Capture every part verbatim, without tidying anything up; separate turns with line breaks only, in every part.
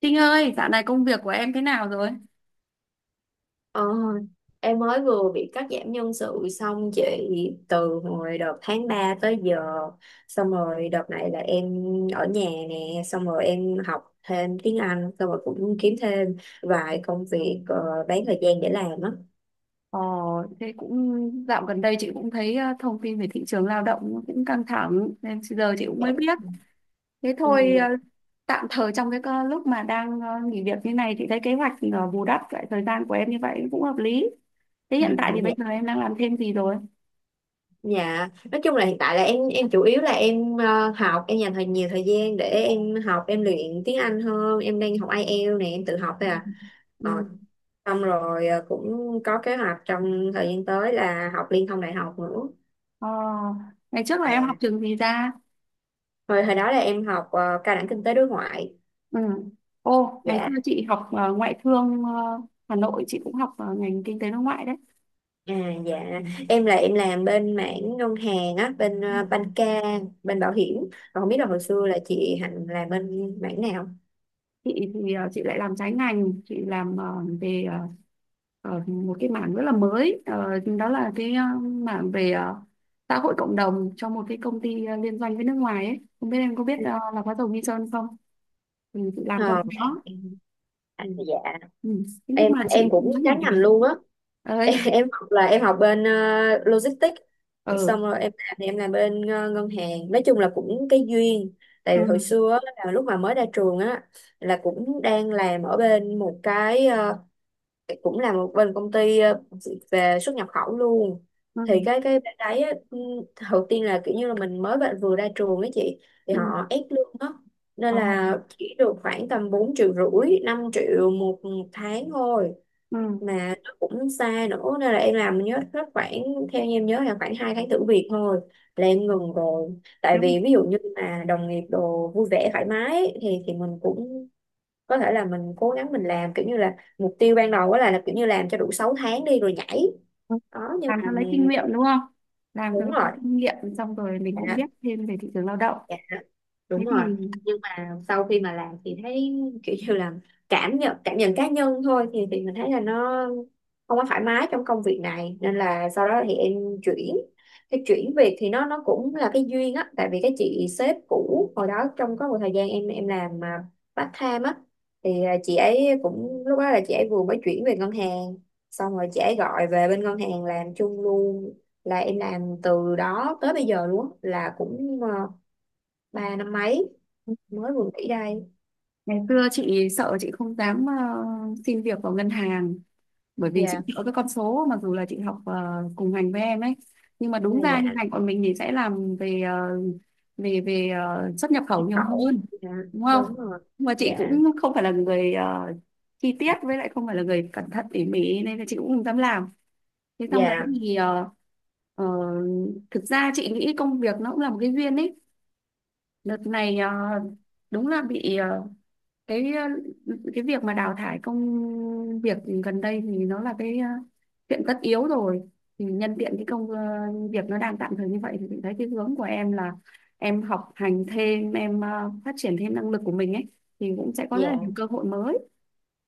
Trinh ơi, dạo này công việc của em thế nào rồi?
Ờ, em mới vừa bị cắt giảm nhân sự xong chị, từ hồi đợt tháng ba tới giờ. Xong rồi đợt này là em ở nhà nè, xong rồi em học thêm tiếng Anh, xong rồi cũng kiếm thêm vài công việc ờ, bán thời gian để làm á.
Ờ, thế cũng dạo gần đây chị cũng thấy ờ, thông tin về thị trường lao động nó cũng căng thẳng nên giờ chị cũng
Dạ,
mới biết.
đúng.
Thế
Ừ,
thôi, ờ,
dạ.
tạm thời trong cái ờ, lúc mà đang ờ, nghỉ việc như này, chị thấy kế hoạch ờ, bù đắp lại thời gian của em như vậy cũng hợp lý. Thế hiện tại thì bây giờ
Dạ.
em đang làm thêm gì rồi?
Dạ, nói chung là hiện tại là em em chủ yếu là em ờ, học, em dành thời nhiều thời gian để em học, em luyện tiếng Anh hơn, em đang học ai eo này, em tự học thôi
Ừ.
à. Ờ,
Ừ.
Xong rồi ờ, cũng có kế hoạch trong thời gian tới là học liên thông đại học nữa.
Ờ, Ngày trước là em
Dạ.
học trường gì ra?
Hồi hồi đó là em học ờ, cao đẳng kinh tế đối ngoại.
Ừ. Ô, ngày
Dạ.
xưa chị học ờ, ngoại thương, ờ, Hà Nội, chị cũng học ờ, ngành kinh tế đối ngoại đấy.
À, dạ, em là em làm bên mảng ngân hàng á, bên
Ừ.
ờ, banh ca, bên bảo hiểm. Còn không biết là hồi xưa là chị Hạnh làm bên mảng nào?
Chị thì ờ, chị lại làm trái ngành, chị làm ờ, về ờ, ờ, một cái mảng rất là mới. Ờ, Đó là cái ờ, mảng về ờ, xã hội cộng đồng cho một cái công ty ờ, liên doanh với nước ngoài ấy. Không biết em có biết ờ, là có dầu Nghi Sơn không, thì chị làm cho
Ờ,
bên
mảng-
đó.
anh, dạ,
Ừ. Thế nhưng
em
mà chị
em
cũng
cũng
nói nghỉ
trái
việc
ngành luôn á.
ấy.
Em, em học là em học bên ờ, logistics,
Ừ.
xong rồi em làm thì em làm bên ờ, ngân hàng, nói chung là cũng cái duyên. Tại vì hồi
Ừ.
xưa á, là lúc mà mới ra trường á, là cũng đang làm ở bên một cái ờ, cũng làm một bên công ty ờ, về xuất nhập khẩu luôn.
Ừ.
Thì cái cái bên đấy á, ừ, đầu tiên là kiểu như là mình mới bạn vừa ra trường ấy chị, thì
Ừ.
họ ép lương á, nên
ờ,
là chỉ được khoảng tầm bốn triệu rưỡi, năm triệu một tháng thôi.
ừ. Ừ.
Mà nó cũng xa nữa, nên là em làm nhớ hết khoảng, theo như em nhớ là khoảng hai tháng thử việc thôi là em ngừng rồi. Tại
Nếu
vì ví dụ như mà đồng nghiệp đồ vui vẻ thoải mái ấy, thì thì mình cũng có thể là mình cố gắng mình làm, kiểu như là mục tiêu ban đầu đó là, là kiểu như làm cho đủ sáu tháng đi rồi nhảy
mà
đó. Nhưng
làm
mà
cho lấy kinh nghiệm đúng không, làm cho
đúng
có
rồi,
kinh nghiệm xong rồi mình cũng
dạ,
biết thêm về thị trường lao động.
dạ, đúng
Thế
rồi.
thì ừ,
À, sau khi mà làm thì thấy kiểu như là cảm nhận cảm nhận cá nhân thôi, thì thì mình thấy là nó không có thoải mái trong công việc này nên là sau đó thì em chuyển. Cái chuyển việc thì nó nó cũng là cái duyên á, tại vì cái chị sếp cũ hồi đó, trong có một thời gian em em làm à, part time á, thì à, chị ấy cũng lúc đó là chị ấy vừa mới chuyển về ngân hàng, xong rồi chị ấy gọi về bên ngân hàng làm chung luôn, là em làm từ đó tới bây giờ luôn á, là cũng à, ba năm mấy mới vừa nghỉ đây.
ngày xưa chị sợ chị không dám ờ, xin việc vào ngân hàng, bởi vì chị
Dạ.
có cái con số mặc dù là chị học ờ, cùng ngành với em ấy, nhưng mà
À,
đúng ra
dạ.
như ngành của mình thì sẽ làm về ờ, về về ờ, xuất nhập khẩu
Nhân
nhiều hơn,
khẩu. Dạ,
đúng không?
đúng rồi.
Nhưng mà chị
Dạ.
cũng không phải là người ờ, chi tiết, với lại không phải là người cẩn thận tỉ mỉ, nên là chị cũng không dám làm. Thế xong đấy
Dạ.
thì ờ, ờ, thực ra chị nghĩ công việc nó cũng là một cái duyên ấy. Đợt này ờ, đúng là bị ờ, cái, ờ, cái việc mà đào thải công việc gần đây thì nó là cái ờ, chuyện tất yếu rồi, thì nhân tiện cái công ờ, việc nó đang tạm thời như vậy thì chị thấy cái hướng của em là em học hành thêm, em ờ, phát triển thêm năng lực của mình ấy, thì cũng sẽ có rất là nhiều
Dạ.
cơ hội mới.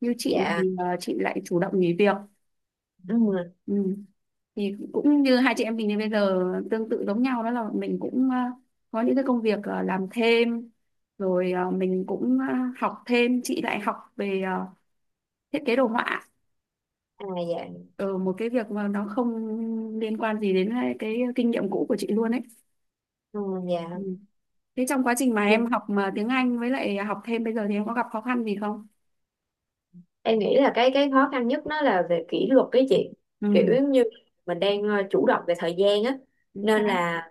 Như chị
Dạ.
thì ờ, chị lại chủ động nghỉ việc.
Ừ.
Ừ. Thì cũng như hai chị em mình thì bây giờ tương tự giống nhau, đó là mình cũng ờ, có những cái công việc ờ, làm thêm, rồi ờ, mình cũng ờ, học thêm, chị lại học về ờ, thiết kế đồ họa
À, dạ.
ở một cái việc mà nó không liên quan gì đến cái cái kinh nghiệm cũ của chị luôn ấy.
Ừ, dạ.
Ừ. Thế trong quá trình mà em học mà tiếng Anh với lại học thêm bây giờ thì em có gặp khó khăn gì không?
Em nghĩ là cái cái khó khăn nhất nó là về kỷ luật cái chị, kiểu
Ừ.
giống như mình đang ờ, chủ động về thời gian á,
Chính
nên
xác.
là,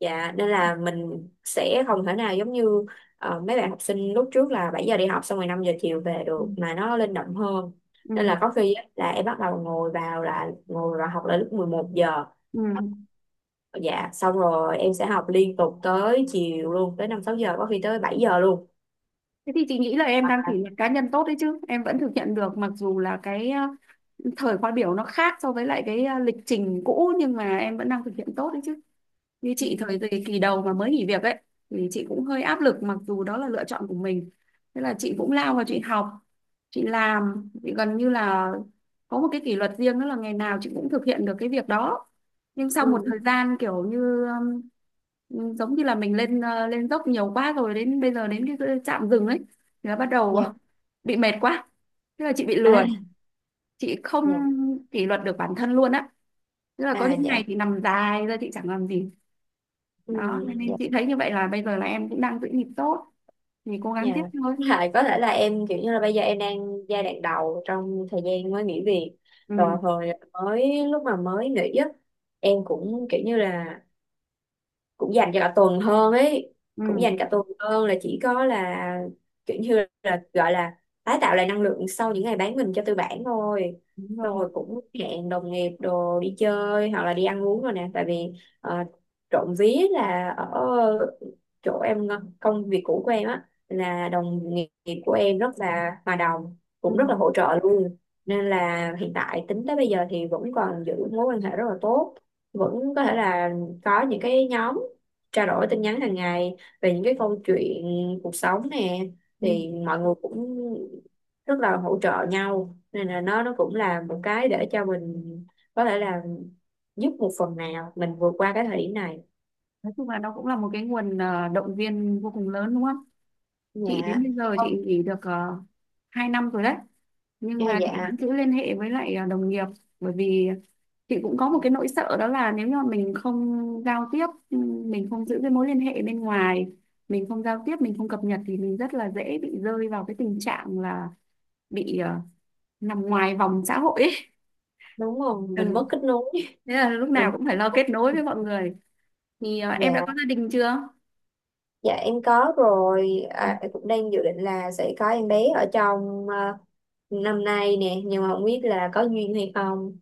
dạ, nên là mình sẽ không thể nào giống như ờ, mấy bạn học sinh lúc trước là bảy giờ đi học xong rồi năm giờ chiều về
Ừ.
được, mà nó linh động hơn.
Ừ.
Nên là có khi á, là em bắt đầu ngồi vào, là ngồi vào học là lúc mười một giờ,
Ừ.
dạ, xong rồi em sẽ học liên tục tới chiều luôn, tới năm sáu giờ, có khi tới bảy giờ luôn.
Thế thì chị nghĩ là em
Hoặc
đang
là,
kỷ luật cá nhân tốt đấy chứ, em vẫn thực hiện được mặc dù là cái ờ, thời khóa biểu nó khác so với lại cái ờ, lịch trình cũ, nhưng mà em vẫn đang thực hiện tốt đấy chứ. Như
ừ,
chị thời kỳ kỳ đầu mà mới nghỉ việc ấy thì chị cũng hơi áp lực mặc dù đó là lựa chọn của mình, thế là chị cũng lao vào chị học, chị làm, chị gần như là có một cái kỷ luật riêng, đó là ngày nào chị cũng thực hiện được cái việc đó. Nhưng sau
ừ,
một thời gian kiểu như um, giống như là mình lên ờ, lên dốc nhiều quá rồi, đến bây giờ đến cái cái trạm dừng ấy thì nó bắt đầu
dạ,
bị mệt quá. Thế là chị bị
à,
lười, chị không
dạ,
kỷ luật được bản thân luôn á, tức là có
à,
những
dạ,
ngày thì nằm dài ra chị chẳng làm gì.
ừ,
Đó nên, nên
dạ,
chị thấy như vậy là bây giờ là em cũng đang giữ nhịp tốt, thì cố
dạ.
gắng tiếp thôi.
Lại có thể là em kiểu như là bây giờ em đang giai đoạn đầu trong thời gian mới nghỉ việc, rồi
Ừ.
hồi mới lúc mà mới nghỉ á em cũng kiểu như là cũng dành cho cả tuần hơn ấy, cũng
Ừ.
dành cả tuần hơn, là chỉ có là kiểu như là gọi là tái tạo lại năng lượng sau những ngày bán mình cho tư bản thôi.
Đúng
Xong
rồi.
rồi cũng hẹn đồng nghiệp đồ đi chơi hoặc là đi ăn uống rồi nè. Tại vì ờ, trộm vía là ở chỗ em, ờ, công việc cũ của em á, là đồng nghiệp của em rất là hòa đồng,
Ừ,
cũng rất là hỗ trợ luôn, nên là hiện tại tính tới bây giờ thì vẫn còn giữ mối quan hệ rất là tốt, vẫn có thể là có những cái nhóm trao đổi tin nhắn hàng ngày về những cái câu chuyện cuộc sống nè.
ừ.
Thì mọi người cũng rất là hỗ trợ nhau, nên là nó nó cũng là một cái để cho mình có thể là giúp một phần nào mình vượt qua cái thời điểm này.
Nói chung là nó cũng là một cái nguồn ờ, động viên vô cùng lớn, đúng không? Chị
Dạ,
đến bây giờ
không.
chị nghỉ được uh, hai năm rồi đấy, nhưng
À,
mà chị vẫn
dạ,
giữ liên hệ với lại ờ, đồng nghiệp, bởi vì chị cũng có một cái nỗi sợ, đó là nếu như mà mình không giao tiếp, ừ, mình không giữ cái mối liên hệ bên ngoài, mình không giao tiếp, mình không cập nhật, thì mình rất là dễ bị rơi vào cái tình trạng là bị ờ, nằm ngoài vòng xã hội ấy.
đúng rồi, mình
Ừ,
mất kết nối.
thế là lúc nào
Mình.
cũng phải lo kết nối với mọi người. Thì ờ, em đã có
Dạ.
gia đình chưa?
Dạ em có rồi.
Ừ.
À, em cũng đang dự định là sẽ có em bé ở trong ờ, năm nay nè, nhưng mà không biết là có duyên hay không.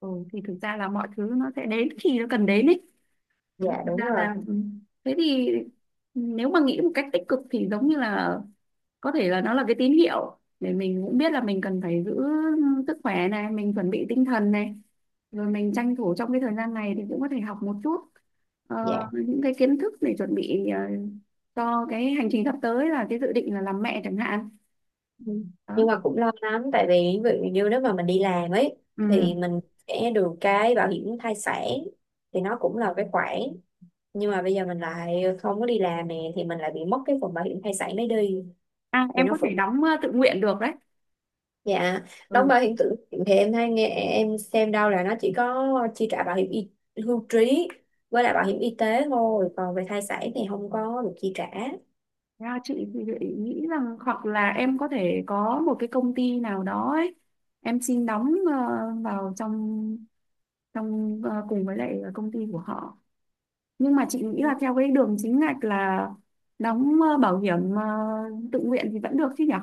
Ừ, thì thực ra là mọi thứ nó sẽ đến khi nó cần đến ấy.
Dạ,
Thực
đúng
ra
rồi.
là ừ, thế thì nếu mà nghĩ một cách tích cực thì giống như là có thể là nó là cái tín hiệu để mình cũng biết là mình cần phải giữ sức khỏe này, mình chuẩn bị tinh thần này, rồi mình tranh thủ trong cái thời gian này thì cũng có thể học một chút ờ,
Dạ.
những cái kiến thức để chuẩn bị ờ, cho cái hành trình sắp tới là cái dự định là làm mẹ chẳng hạn.
Ừ.
Đó.
Nhưng mà cũng lo lắm, tại vì ví dụ như nếu mà mình đi làm ấy
Ừ. À.
thì mình sẽ được cái bảo hiểm thai sản, thì nó cũng là cái khoản, nhưng mà bây giờ mình lại không có đi làm nè thì mình lại bị mất cái phần bảo hiểm thai sản đấy đi,
À,
thì
em
nó
có thể
cũng,
đóng ờ, tự nguyện được đấy.
dạ, đóng
Ừ.
bảo hiểm tự nguyện thì em hay nghe em xem đâu là nó chỉ có chi trả bảo hiểm y, hưu trí với lại bảo hiểm y tế thôi, còn về thai sản thì không có được chi trả.
Ra chị thì chị nghĩ rằng hoặc là em có thể có một cái công ty nào đó ấy, em xin đóng ờ, vào trong, trong ờ, cùng với lại công ty của họ. Nhưng mà chị nghĩ là theo cái đường chính ngạch là đóng ờ, bảo hiểm ờ, tự nguyện thì vẫn được chứ nhỉ?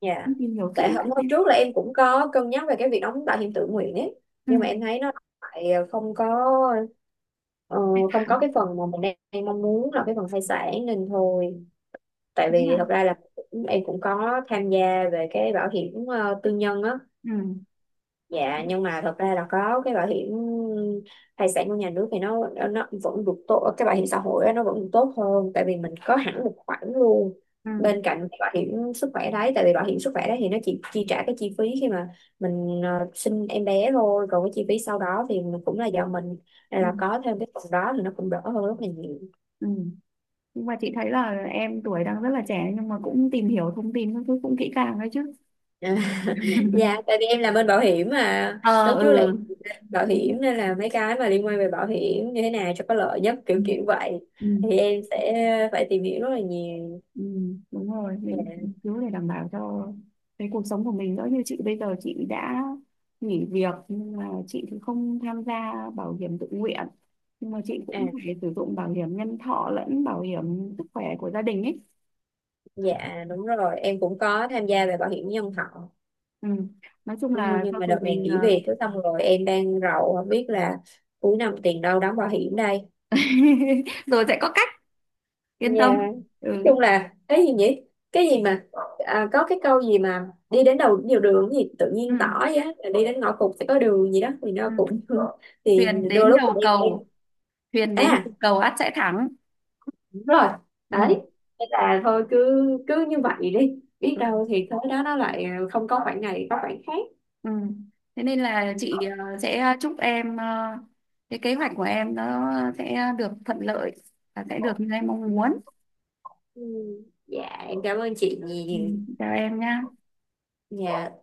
Dạ.
Em tìm hiểu
Tại
kỹ
hôm
lại
hôm
xem.
trước là em cũng có cân nhắc về cái việc đóng bảo hiểm tự nguyện ấy, nhưng mà em thấy nó lại không có ờ,
Ừ.
không có cái phần mà mình đang, đang mong muốn là cái phần thai sản nên thôi. Tại
Đúng
vì thật
là
ra là cũng, em cũng có tham gia về cái bảo hiểm ờ, tư nhân á.
ừ.
Dạ, nhưng mà thật ra là có cái bảo hiểm thai sản của nhà nước thì nó nó nó vẫn được tốt, cái bảo hiểm xã hội á, nó vẫn được tốt hơn, tại vì mình có hẳn một khoản luôn
Ừ.
bên cạnh cái bảo hiểm sức khỏe đấy, tại vì bảo hiểm sức khỏe đấy thì nó chỉ chi trả cái chi phí khi mà mình ờ, sinh em bé thôi, còn cái chi phí sau đó thì mình cũng là do mình. Nên
Ừ.
là có thêm cái phần đó thì nó cũng đỡ hơn rất là nhiều.
Ừ. Nhưng mà chị thấy là em tuổi đang rất là trẻ, nhưng mà cũng tìm hiểu thông tin các thứ cũng kỹ càng đấy chứ.
À, dạ, tại vì em làm bên bảo hiểm, mà
Ờ,
lúc trước là em
ừ,
làm bảo
đúng,
hiểm, nên là mấy cái mà liên quan về bảo hiểm như thế nào cho có lợi nhất
ừ,
kiểu kiểu vậy
ừ,
thì em sẽ phải tìm hiểu rất là nhiều.
ừ, đúng rồi, mình
Dạ.
mình cứ để đảm bảo cho cái cuộc sống của mình đỡ, như chị bây giờ chị đã nghỉ việc nhưng mà chị thì không tham gia bảo hiểm tự nguyện, nhưng mà chị cũng
À,
phải sử dụng bảo hiểm nhân thọ lẫn bảo hiểm sức khỏe của gia đình ấy.
dạ, đúng rồi, em cũng có tham gia về bảo hiểm nhân thọ.
Ừ. Nói chung
Ừ,
là
nhưng
cho
mà
dù
đợt này
mình
nghỉ
ờ,
việc cứ xong rồi em đang rầu, không biết là cuối năm tiền đâu đóng bảo hiểm đây.
rồi sẽ có cách, yên
Dạ.
tâm.
Nói
Ừ.
chung là cái gì nhỉ? Cái gì mà, à, có cái câu gì mà đi đến đầu nhiều đường gì tự
Ừ.
nhiên tỏ vậy á, là đi đến ngõ cụt sẽ có đường gì đó, thì nó
Ừ.
cũng thì
Thuyền
đôi
đến
lúc
đầu
thì em,
cầu, thuyền
em
đến
à,
đầu cầu ắt sẽ thắng.
đúng rồi,
Ừ.
đấy, thế là thôi cứ cứ như vậy đi, biết đâu thì tới đó nó lại không có khoảng này có khoảng khác.
Ừ. Thế nên là chị ờ, sẽ chúc em ờ, cái kế hoạch của em nó sẽ được thuận lợi và sẽ được như em mong muốn.
Ừ, dạ, em cảm ơn chị
Ừ.
nhiều.
Chào em nha.
Dạ.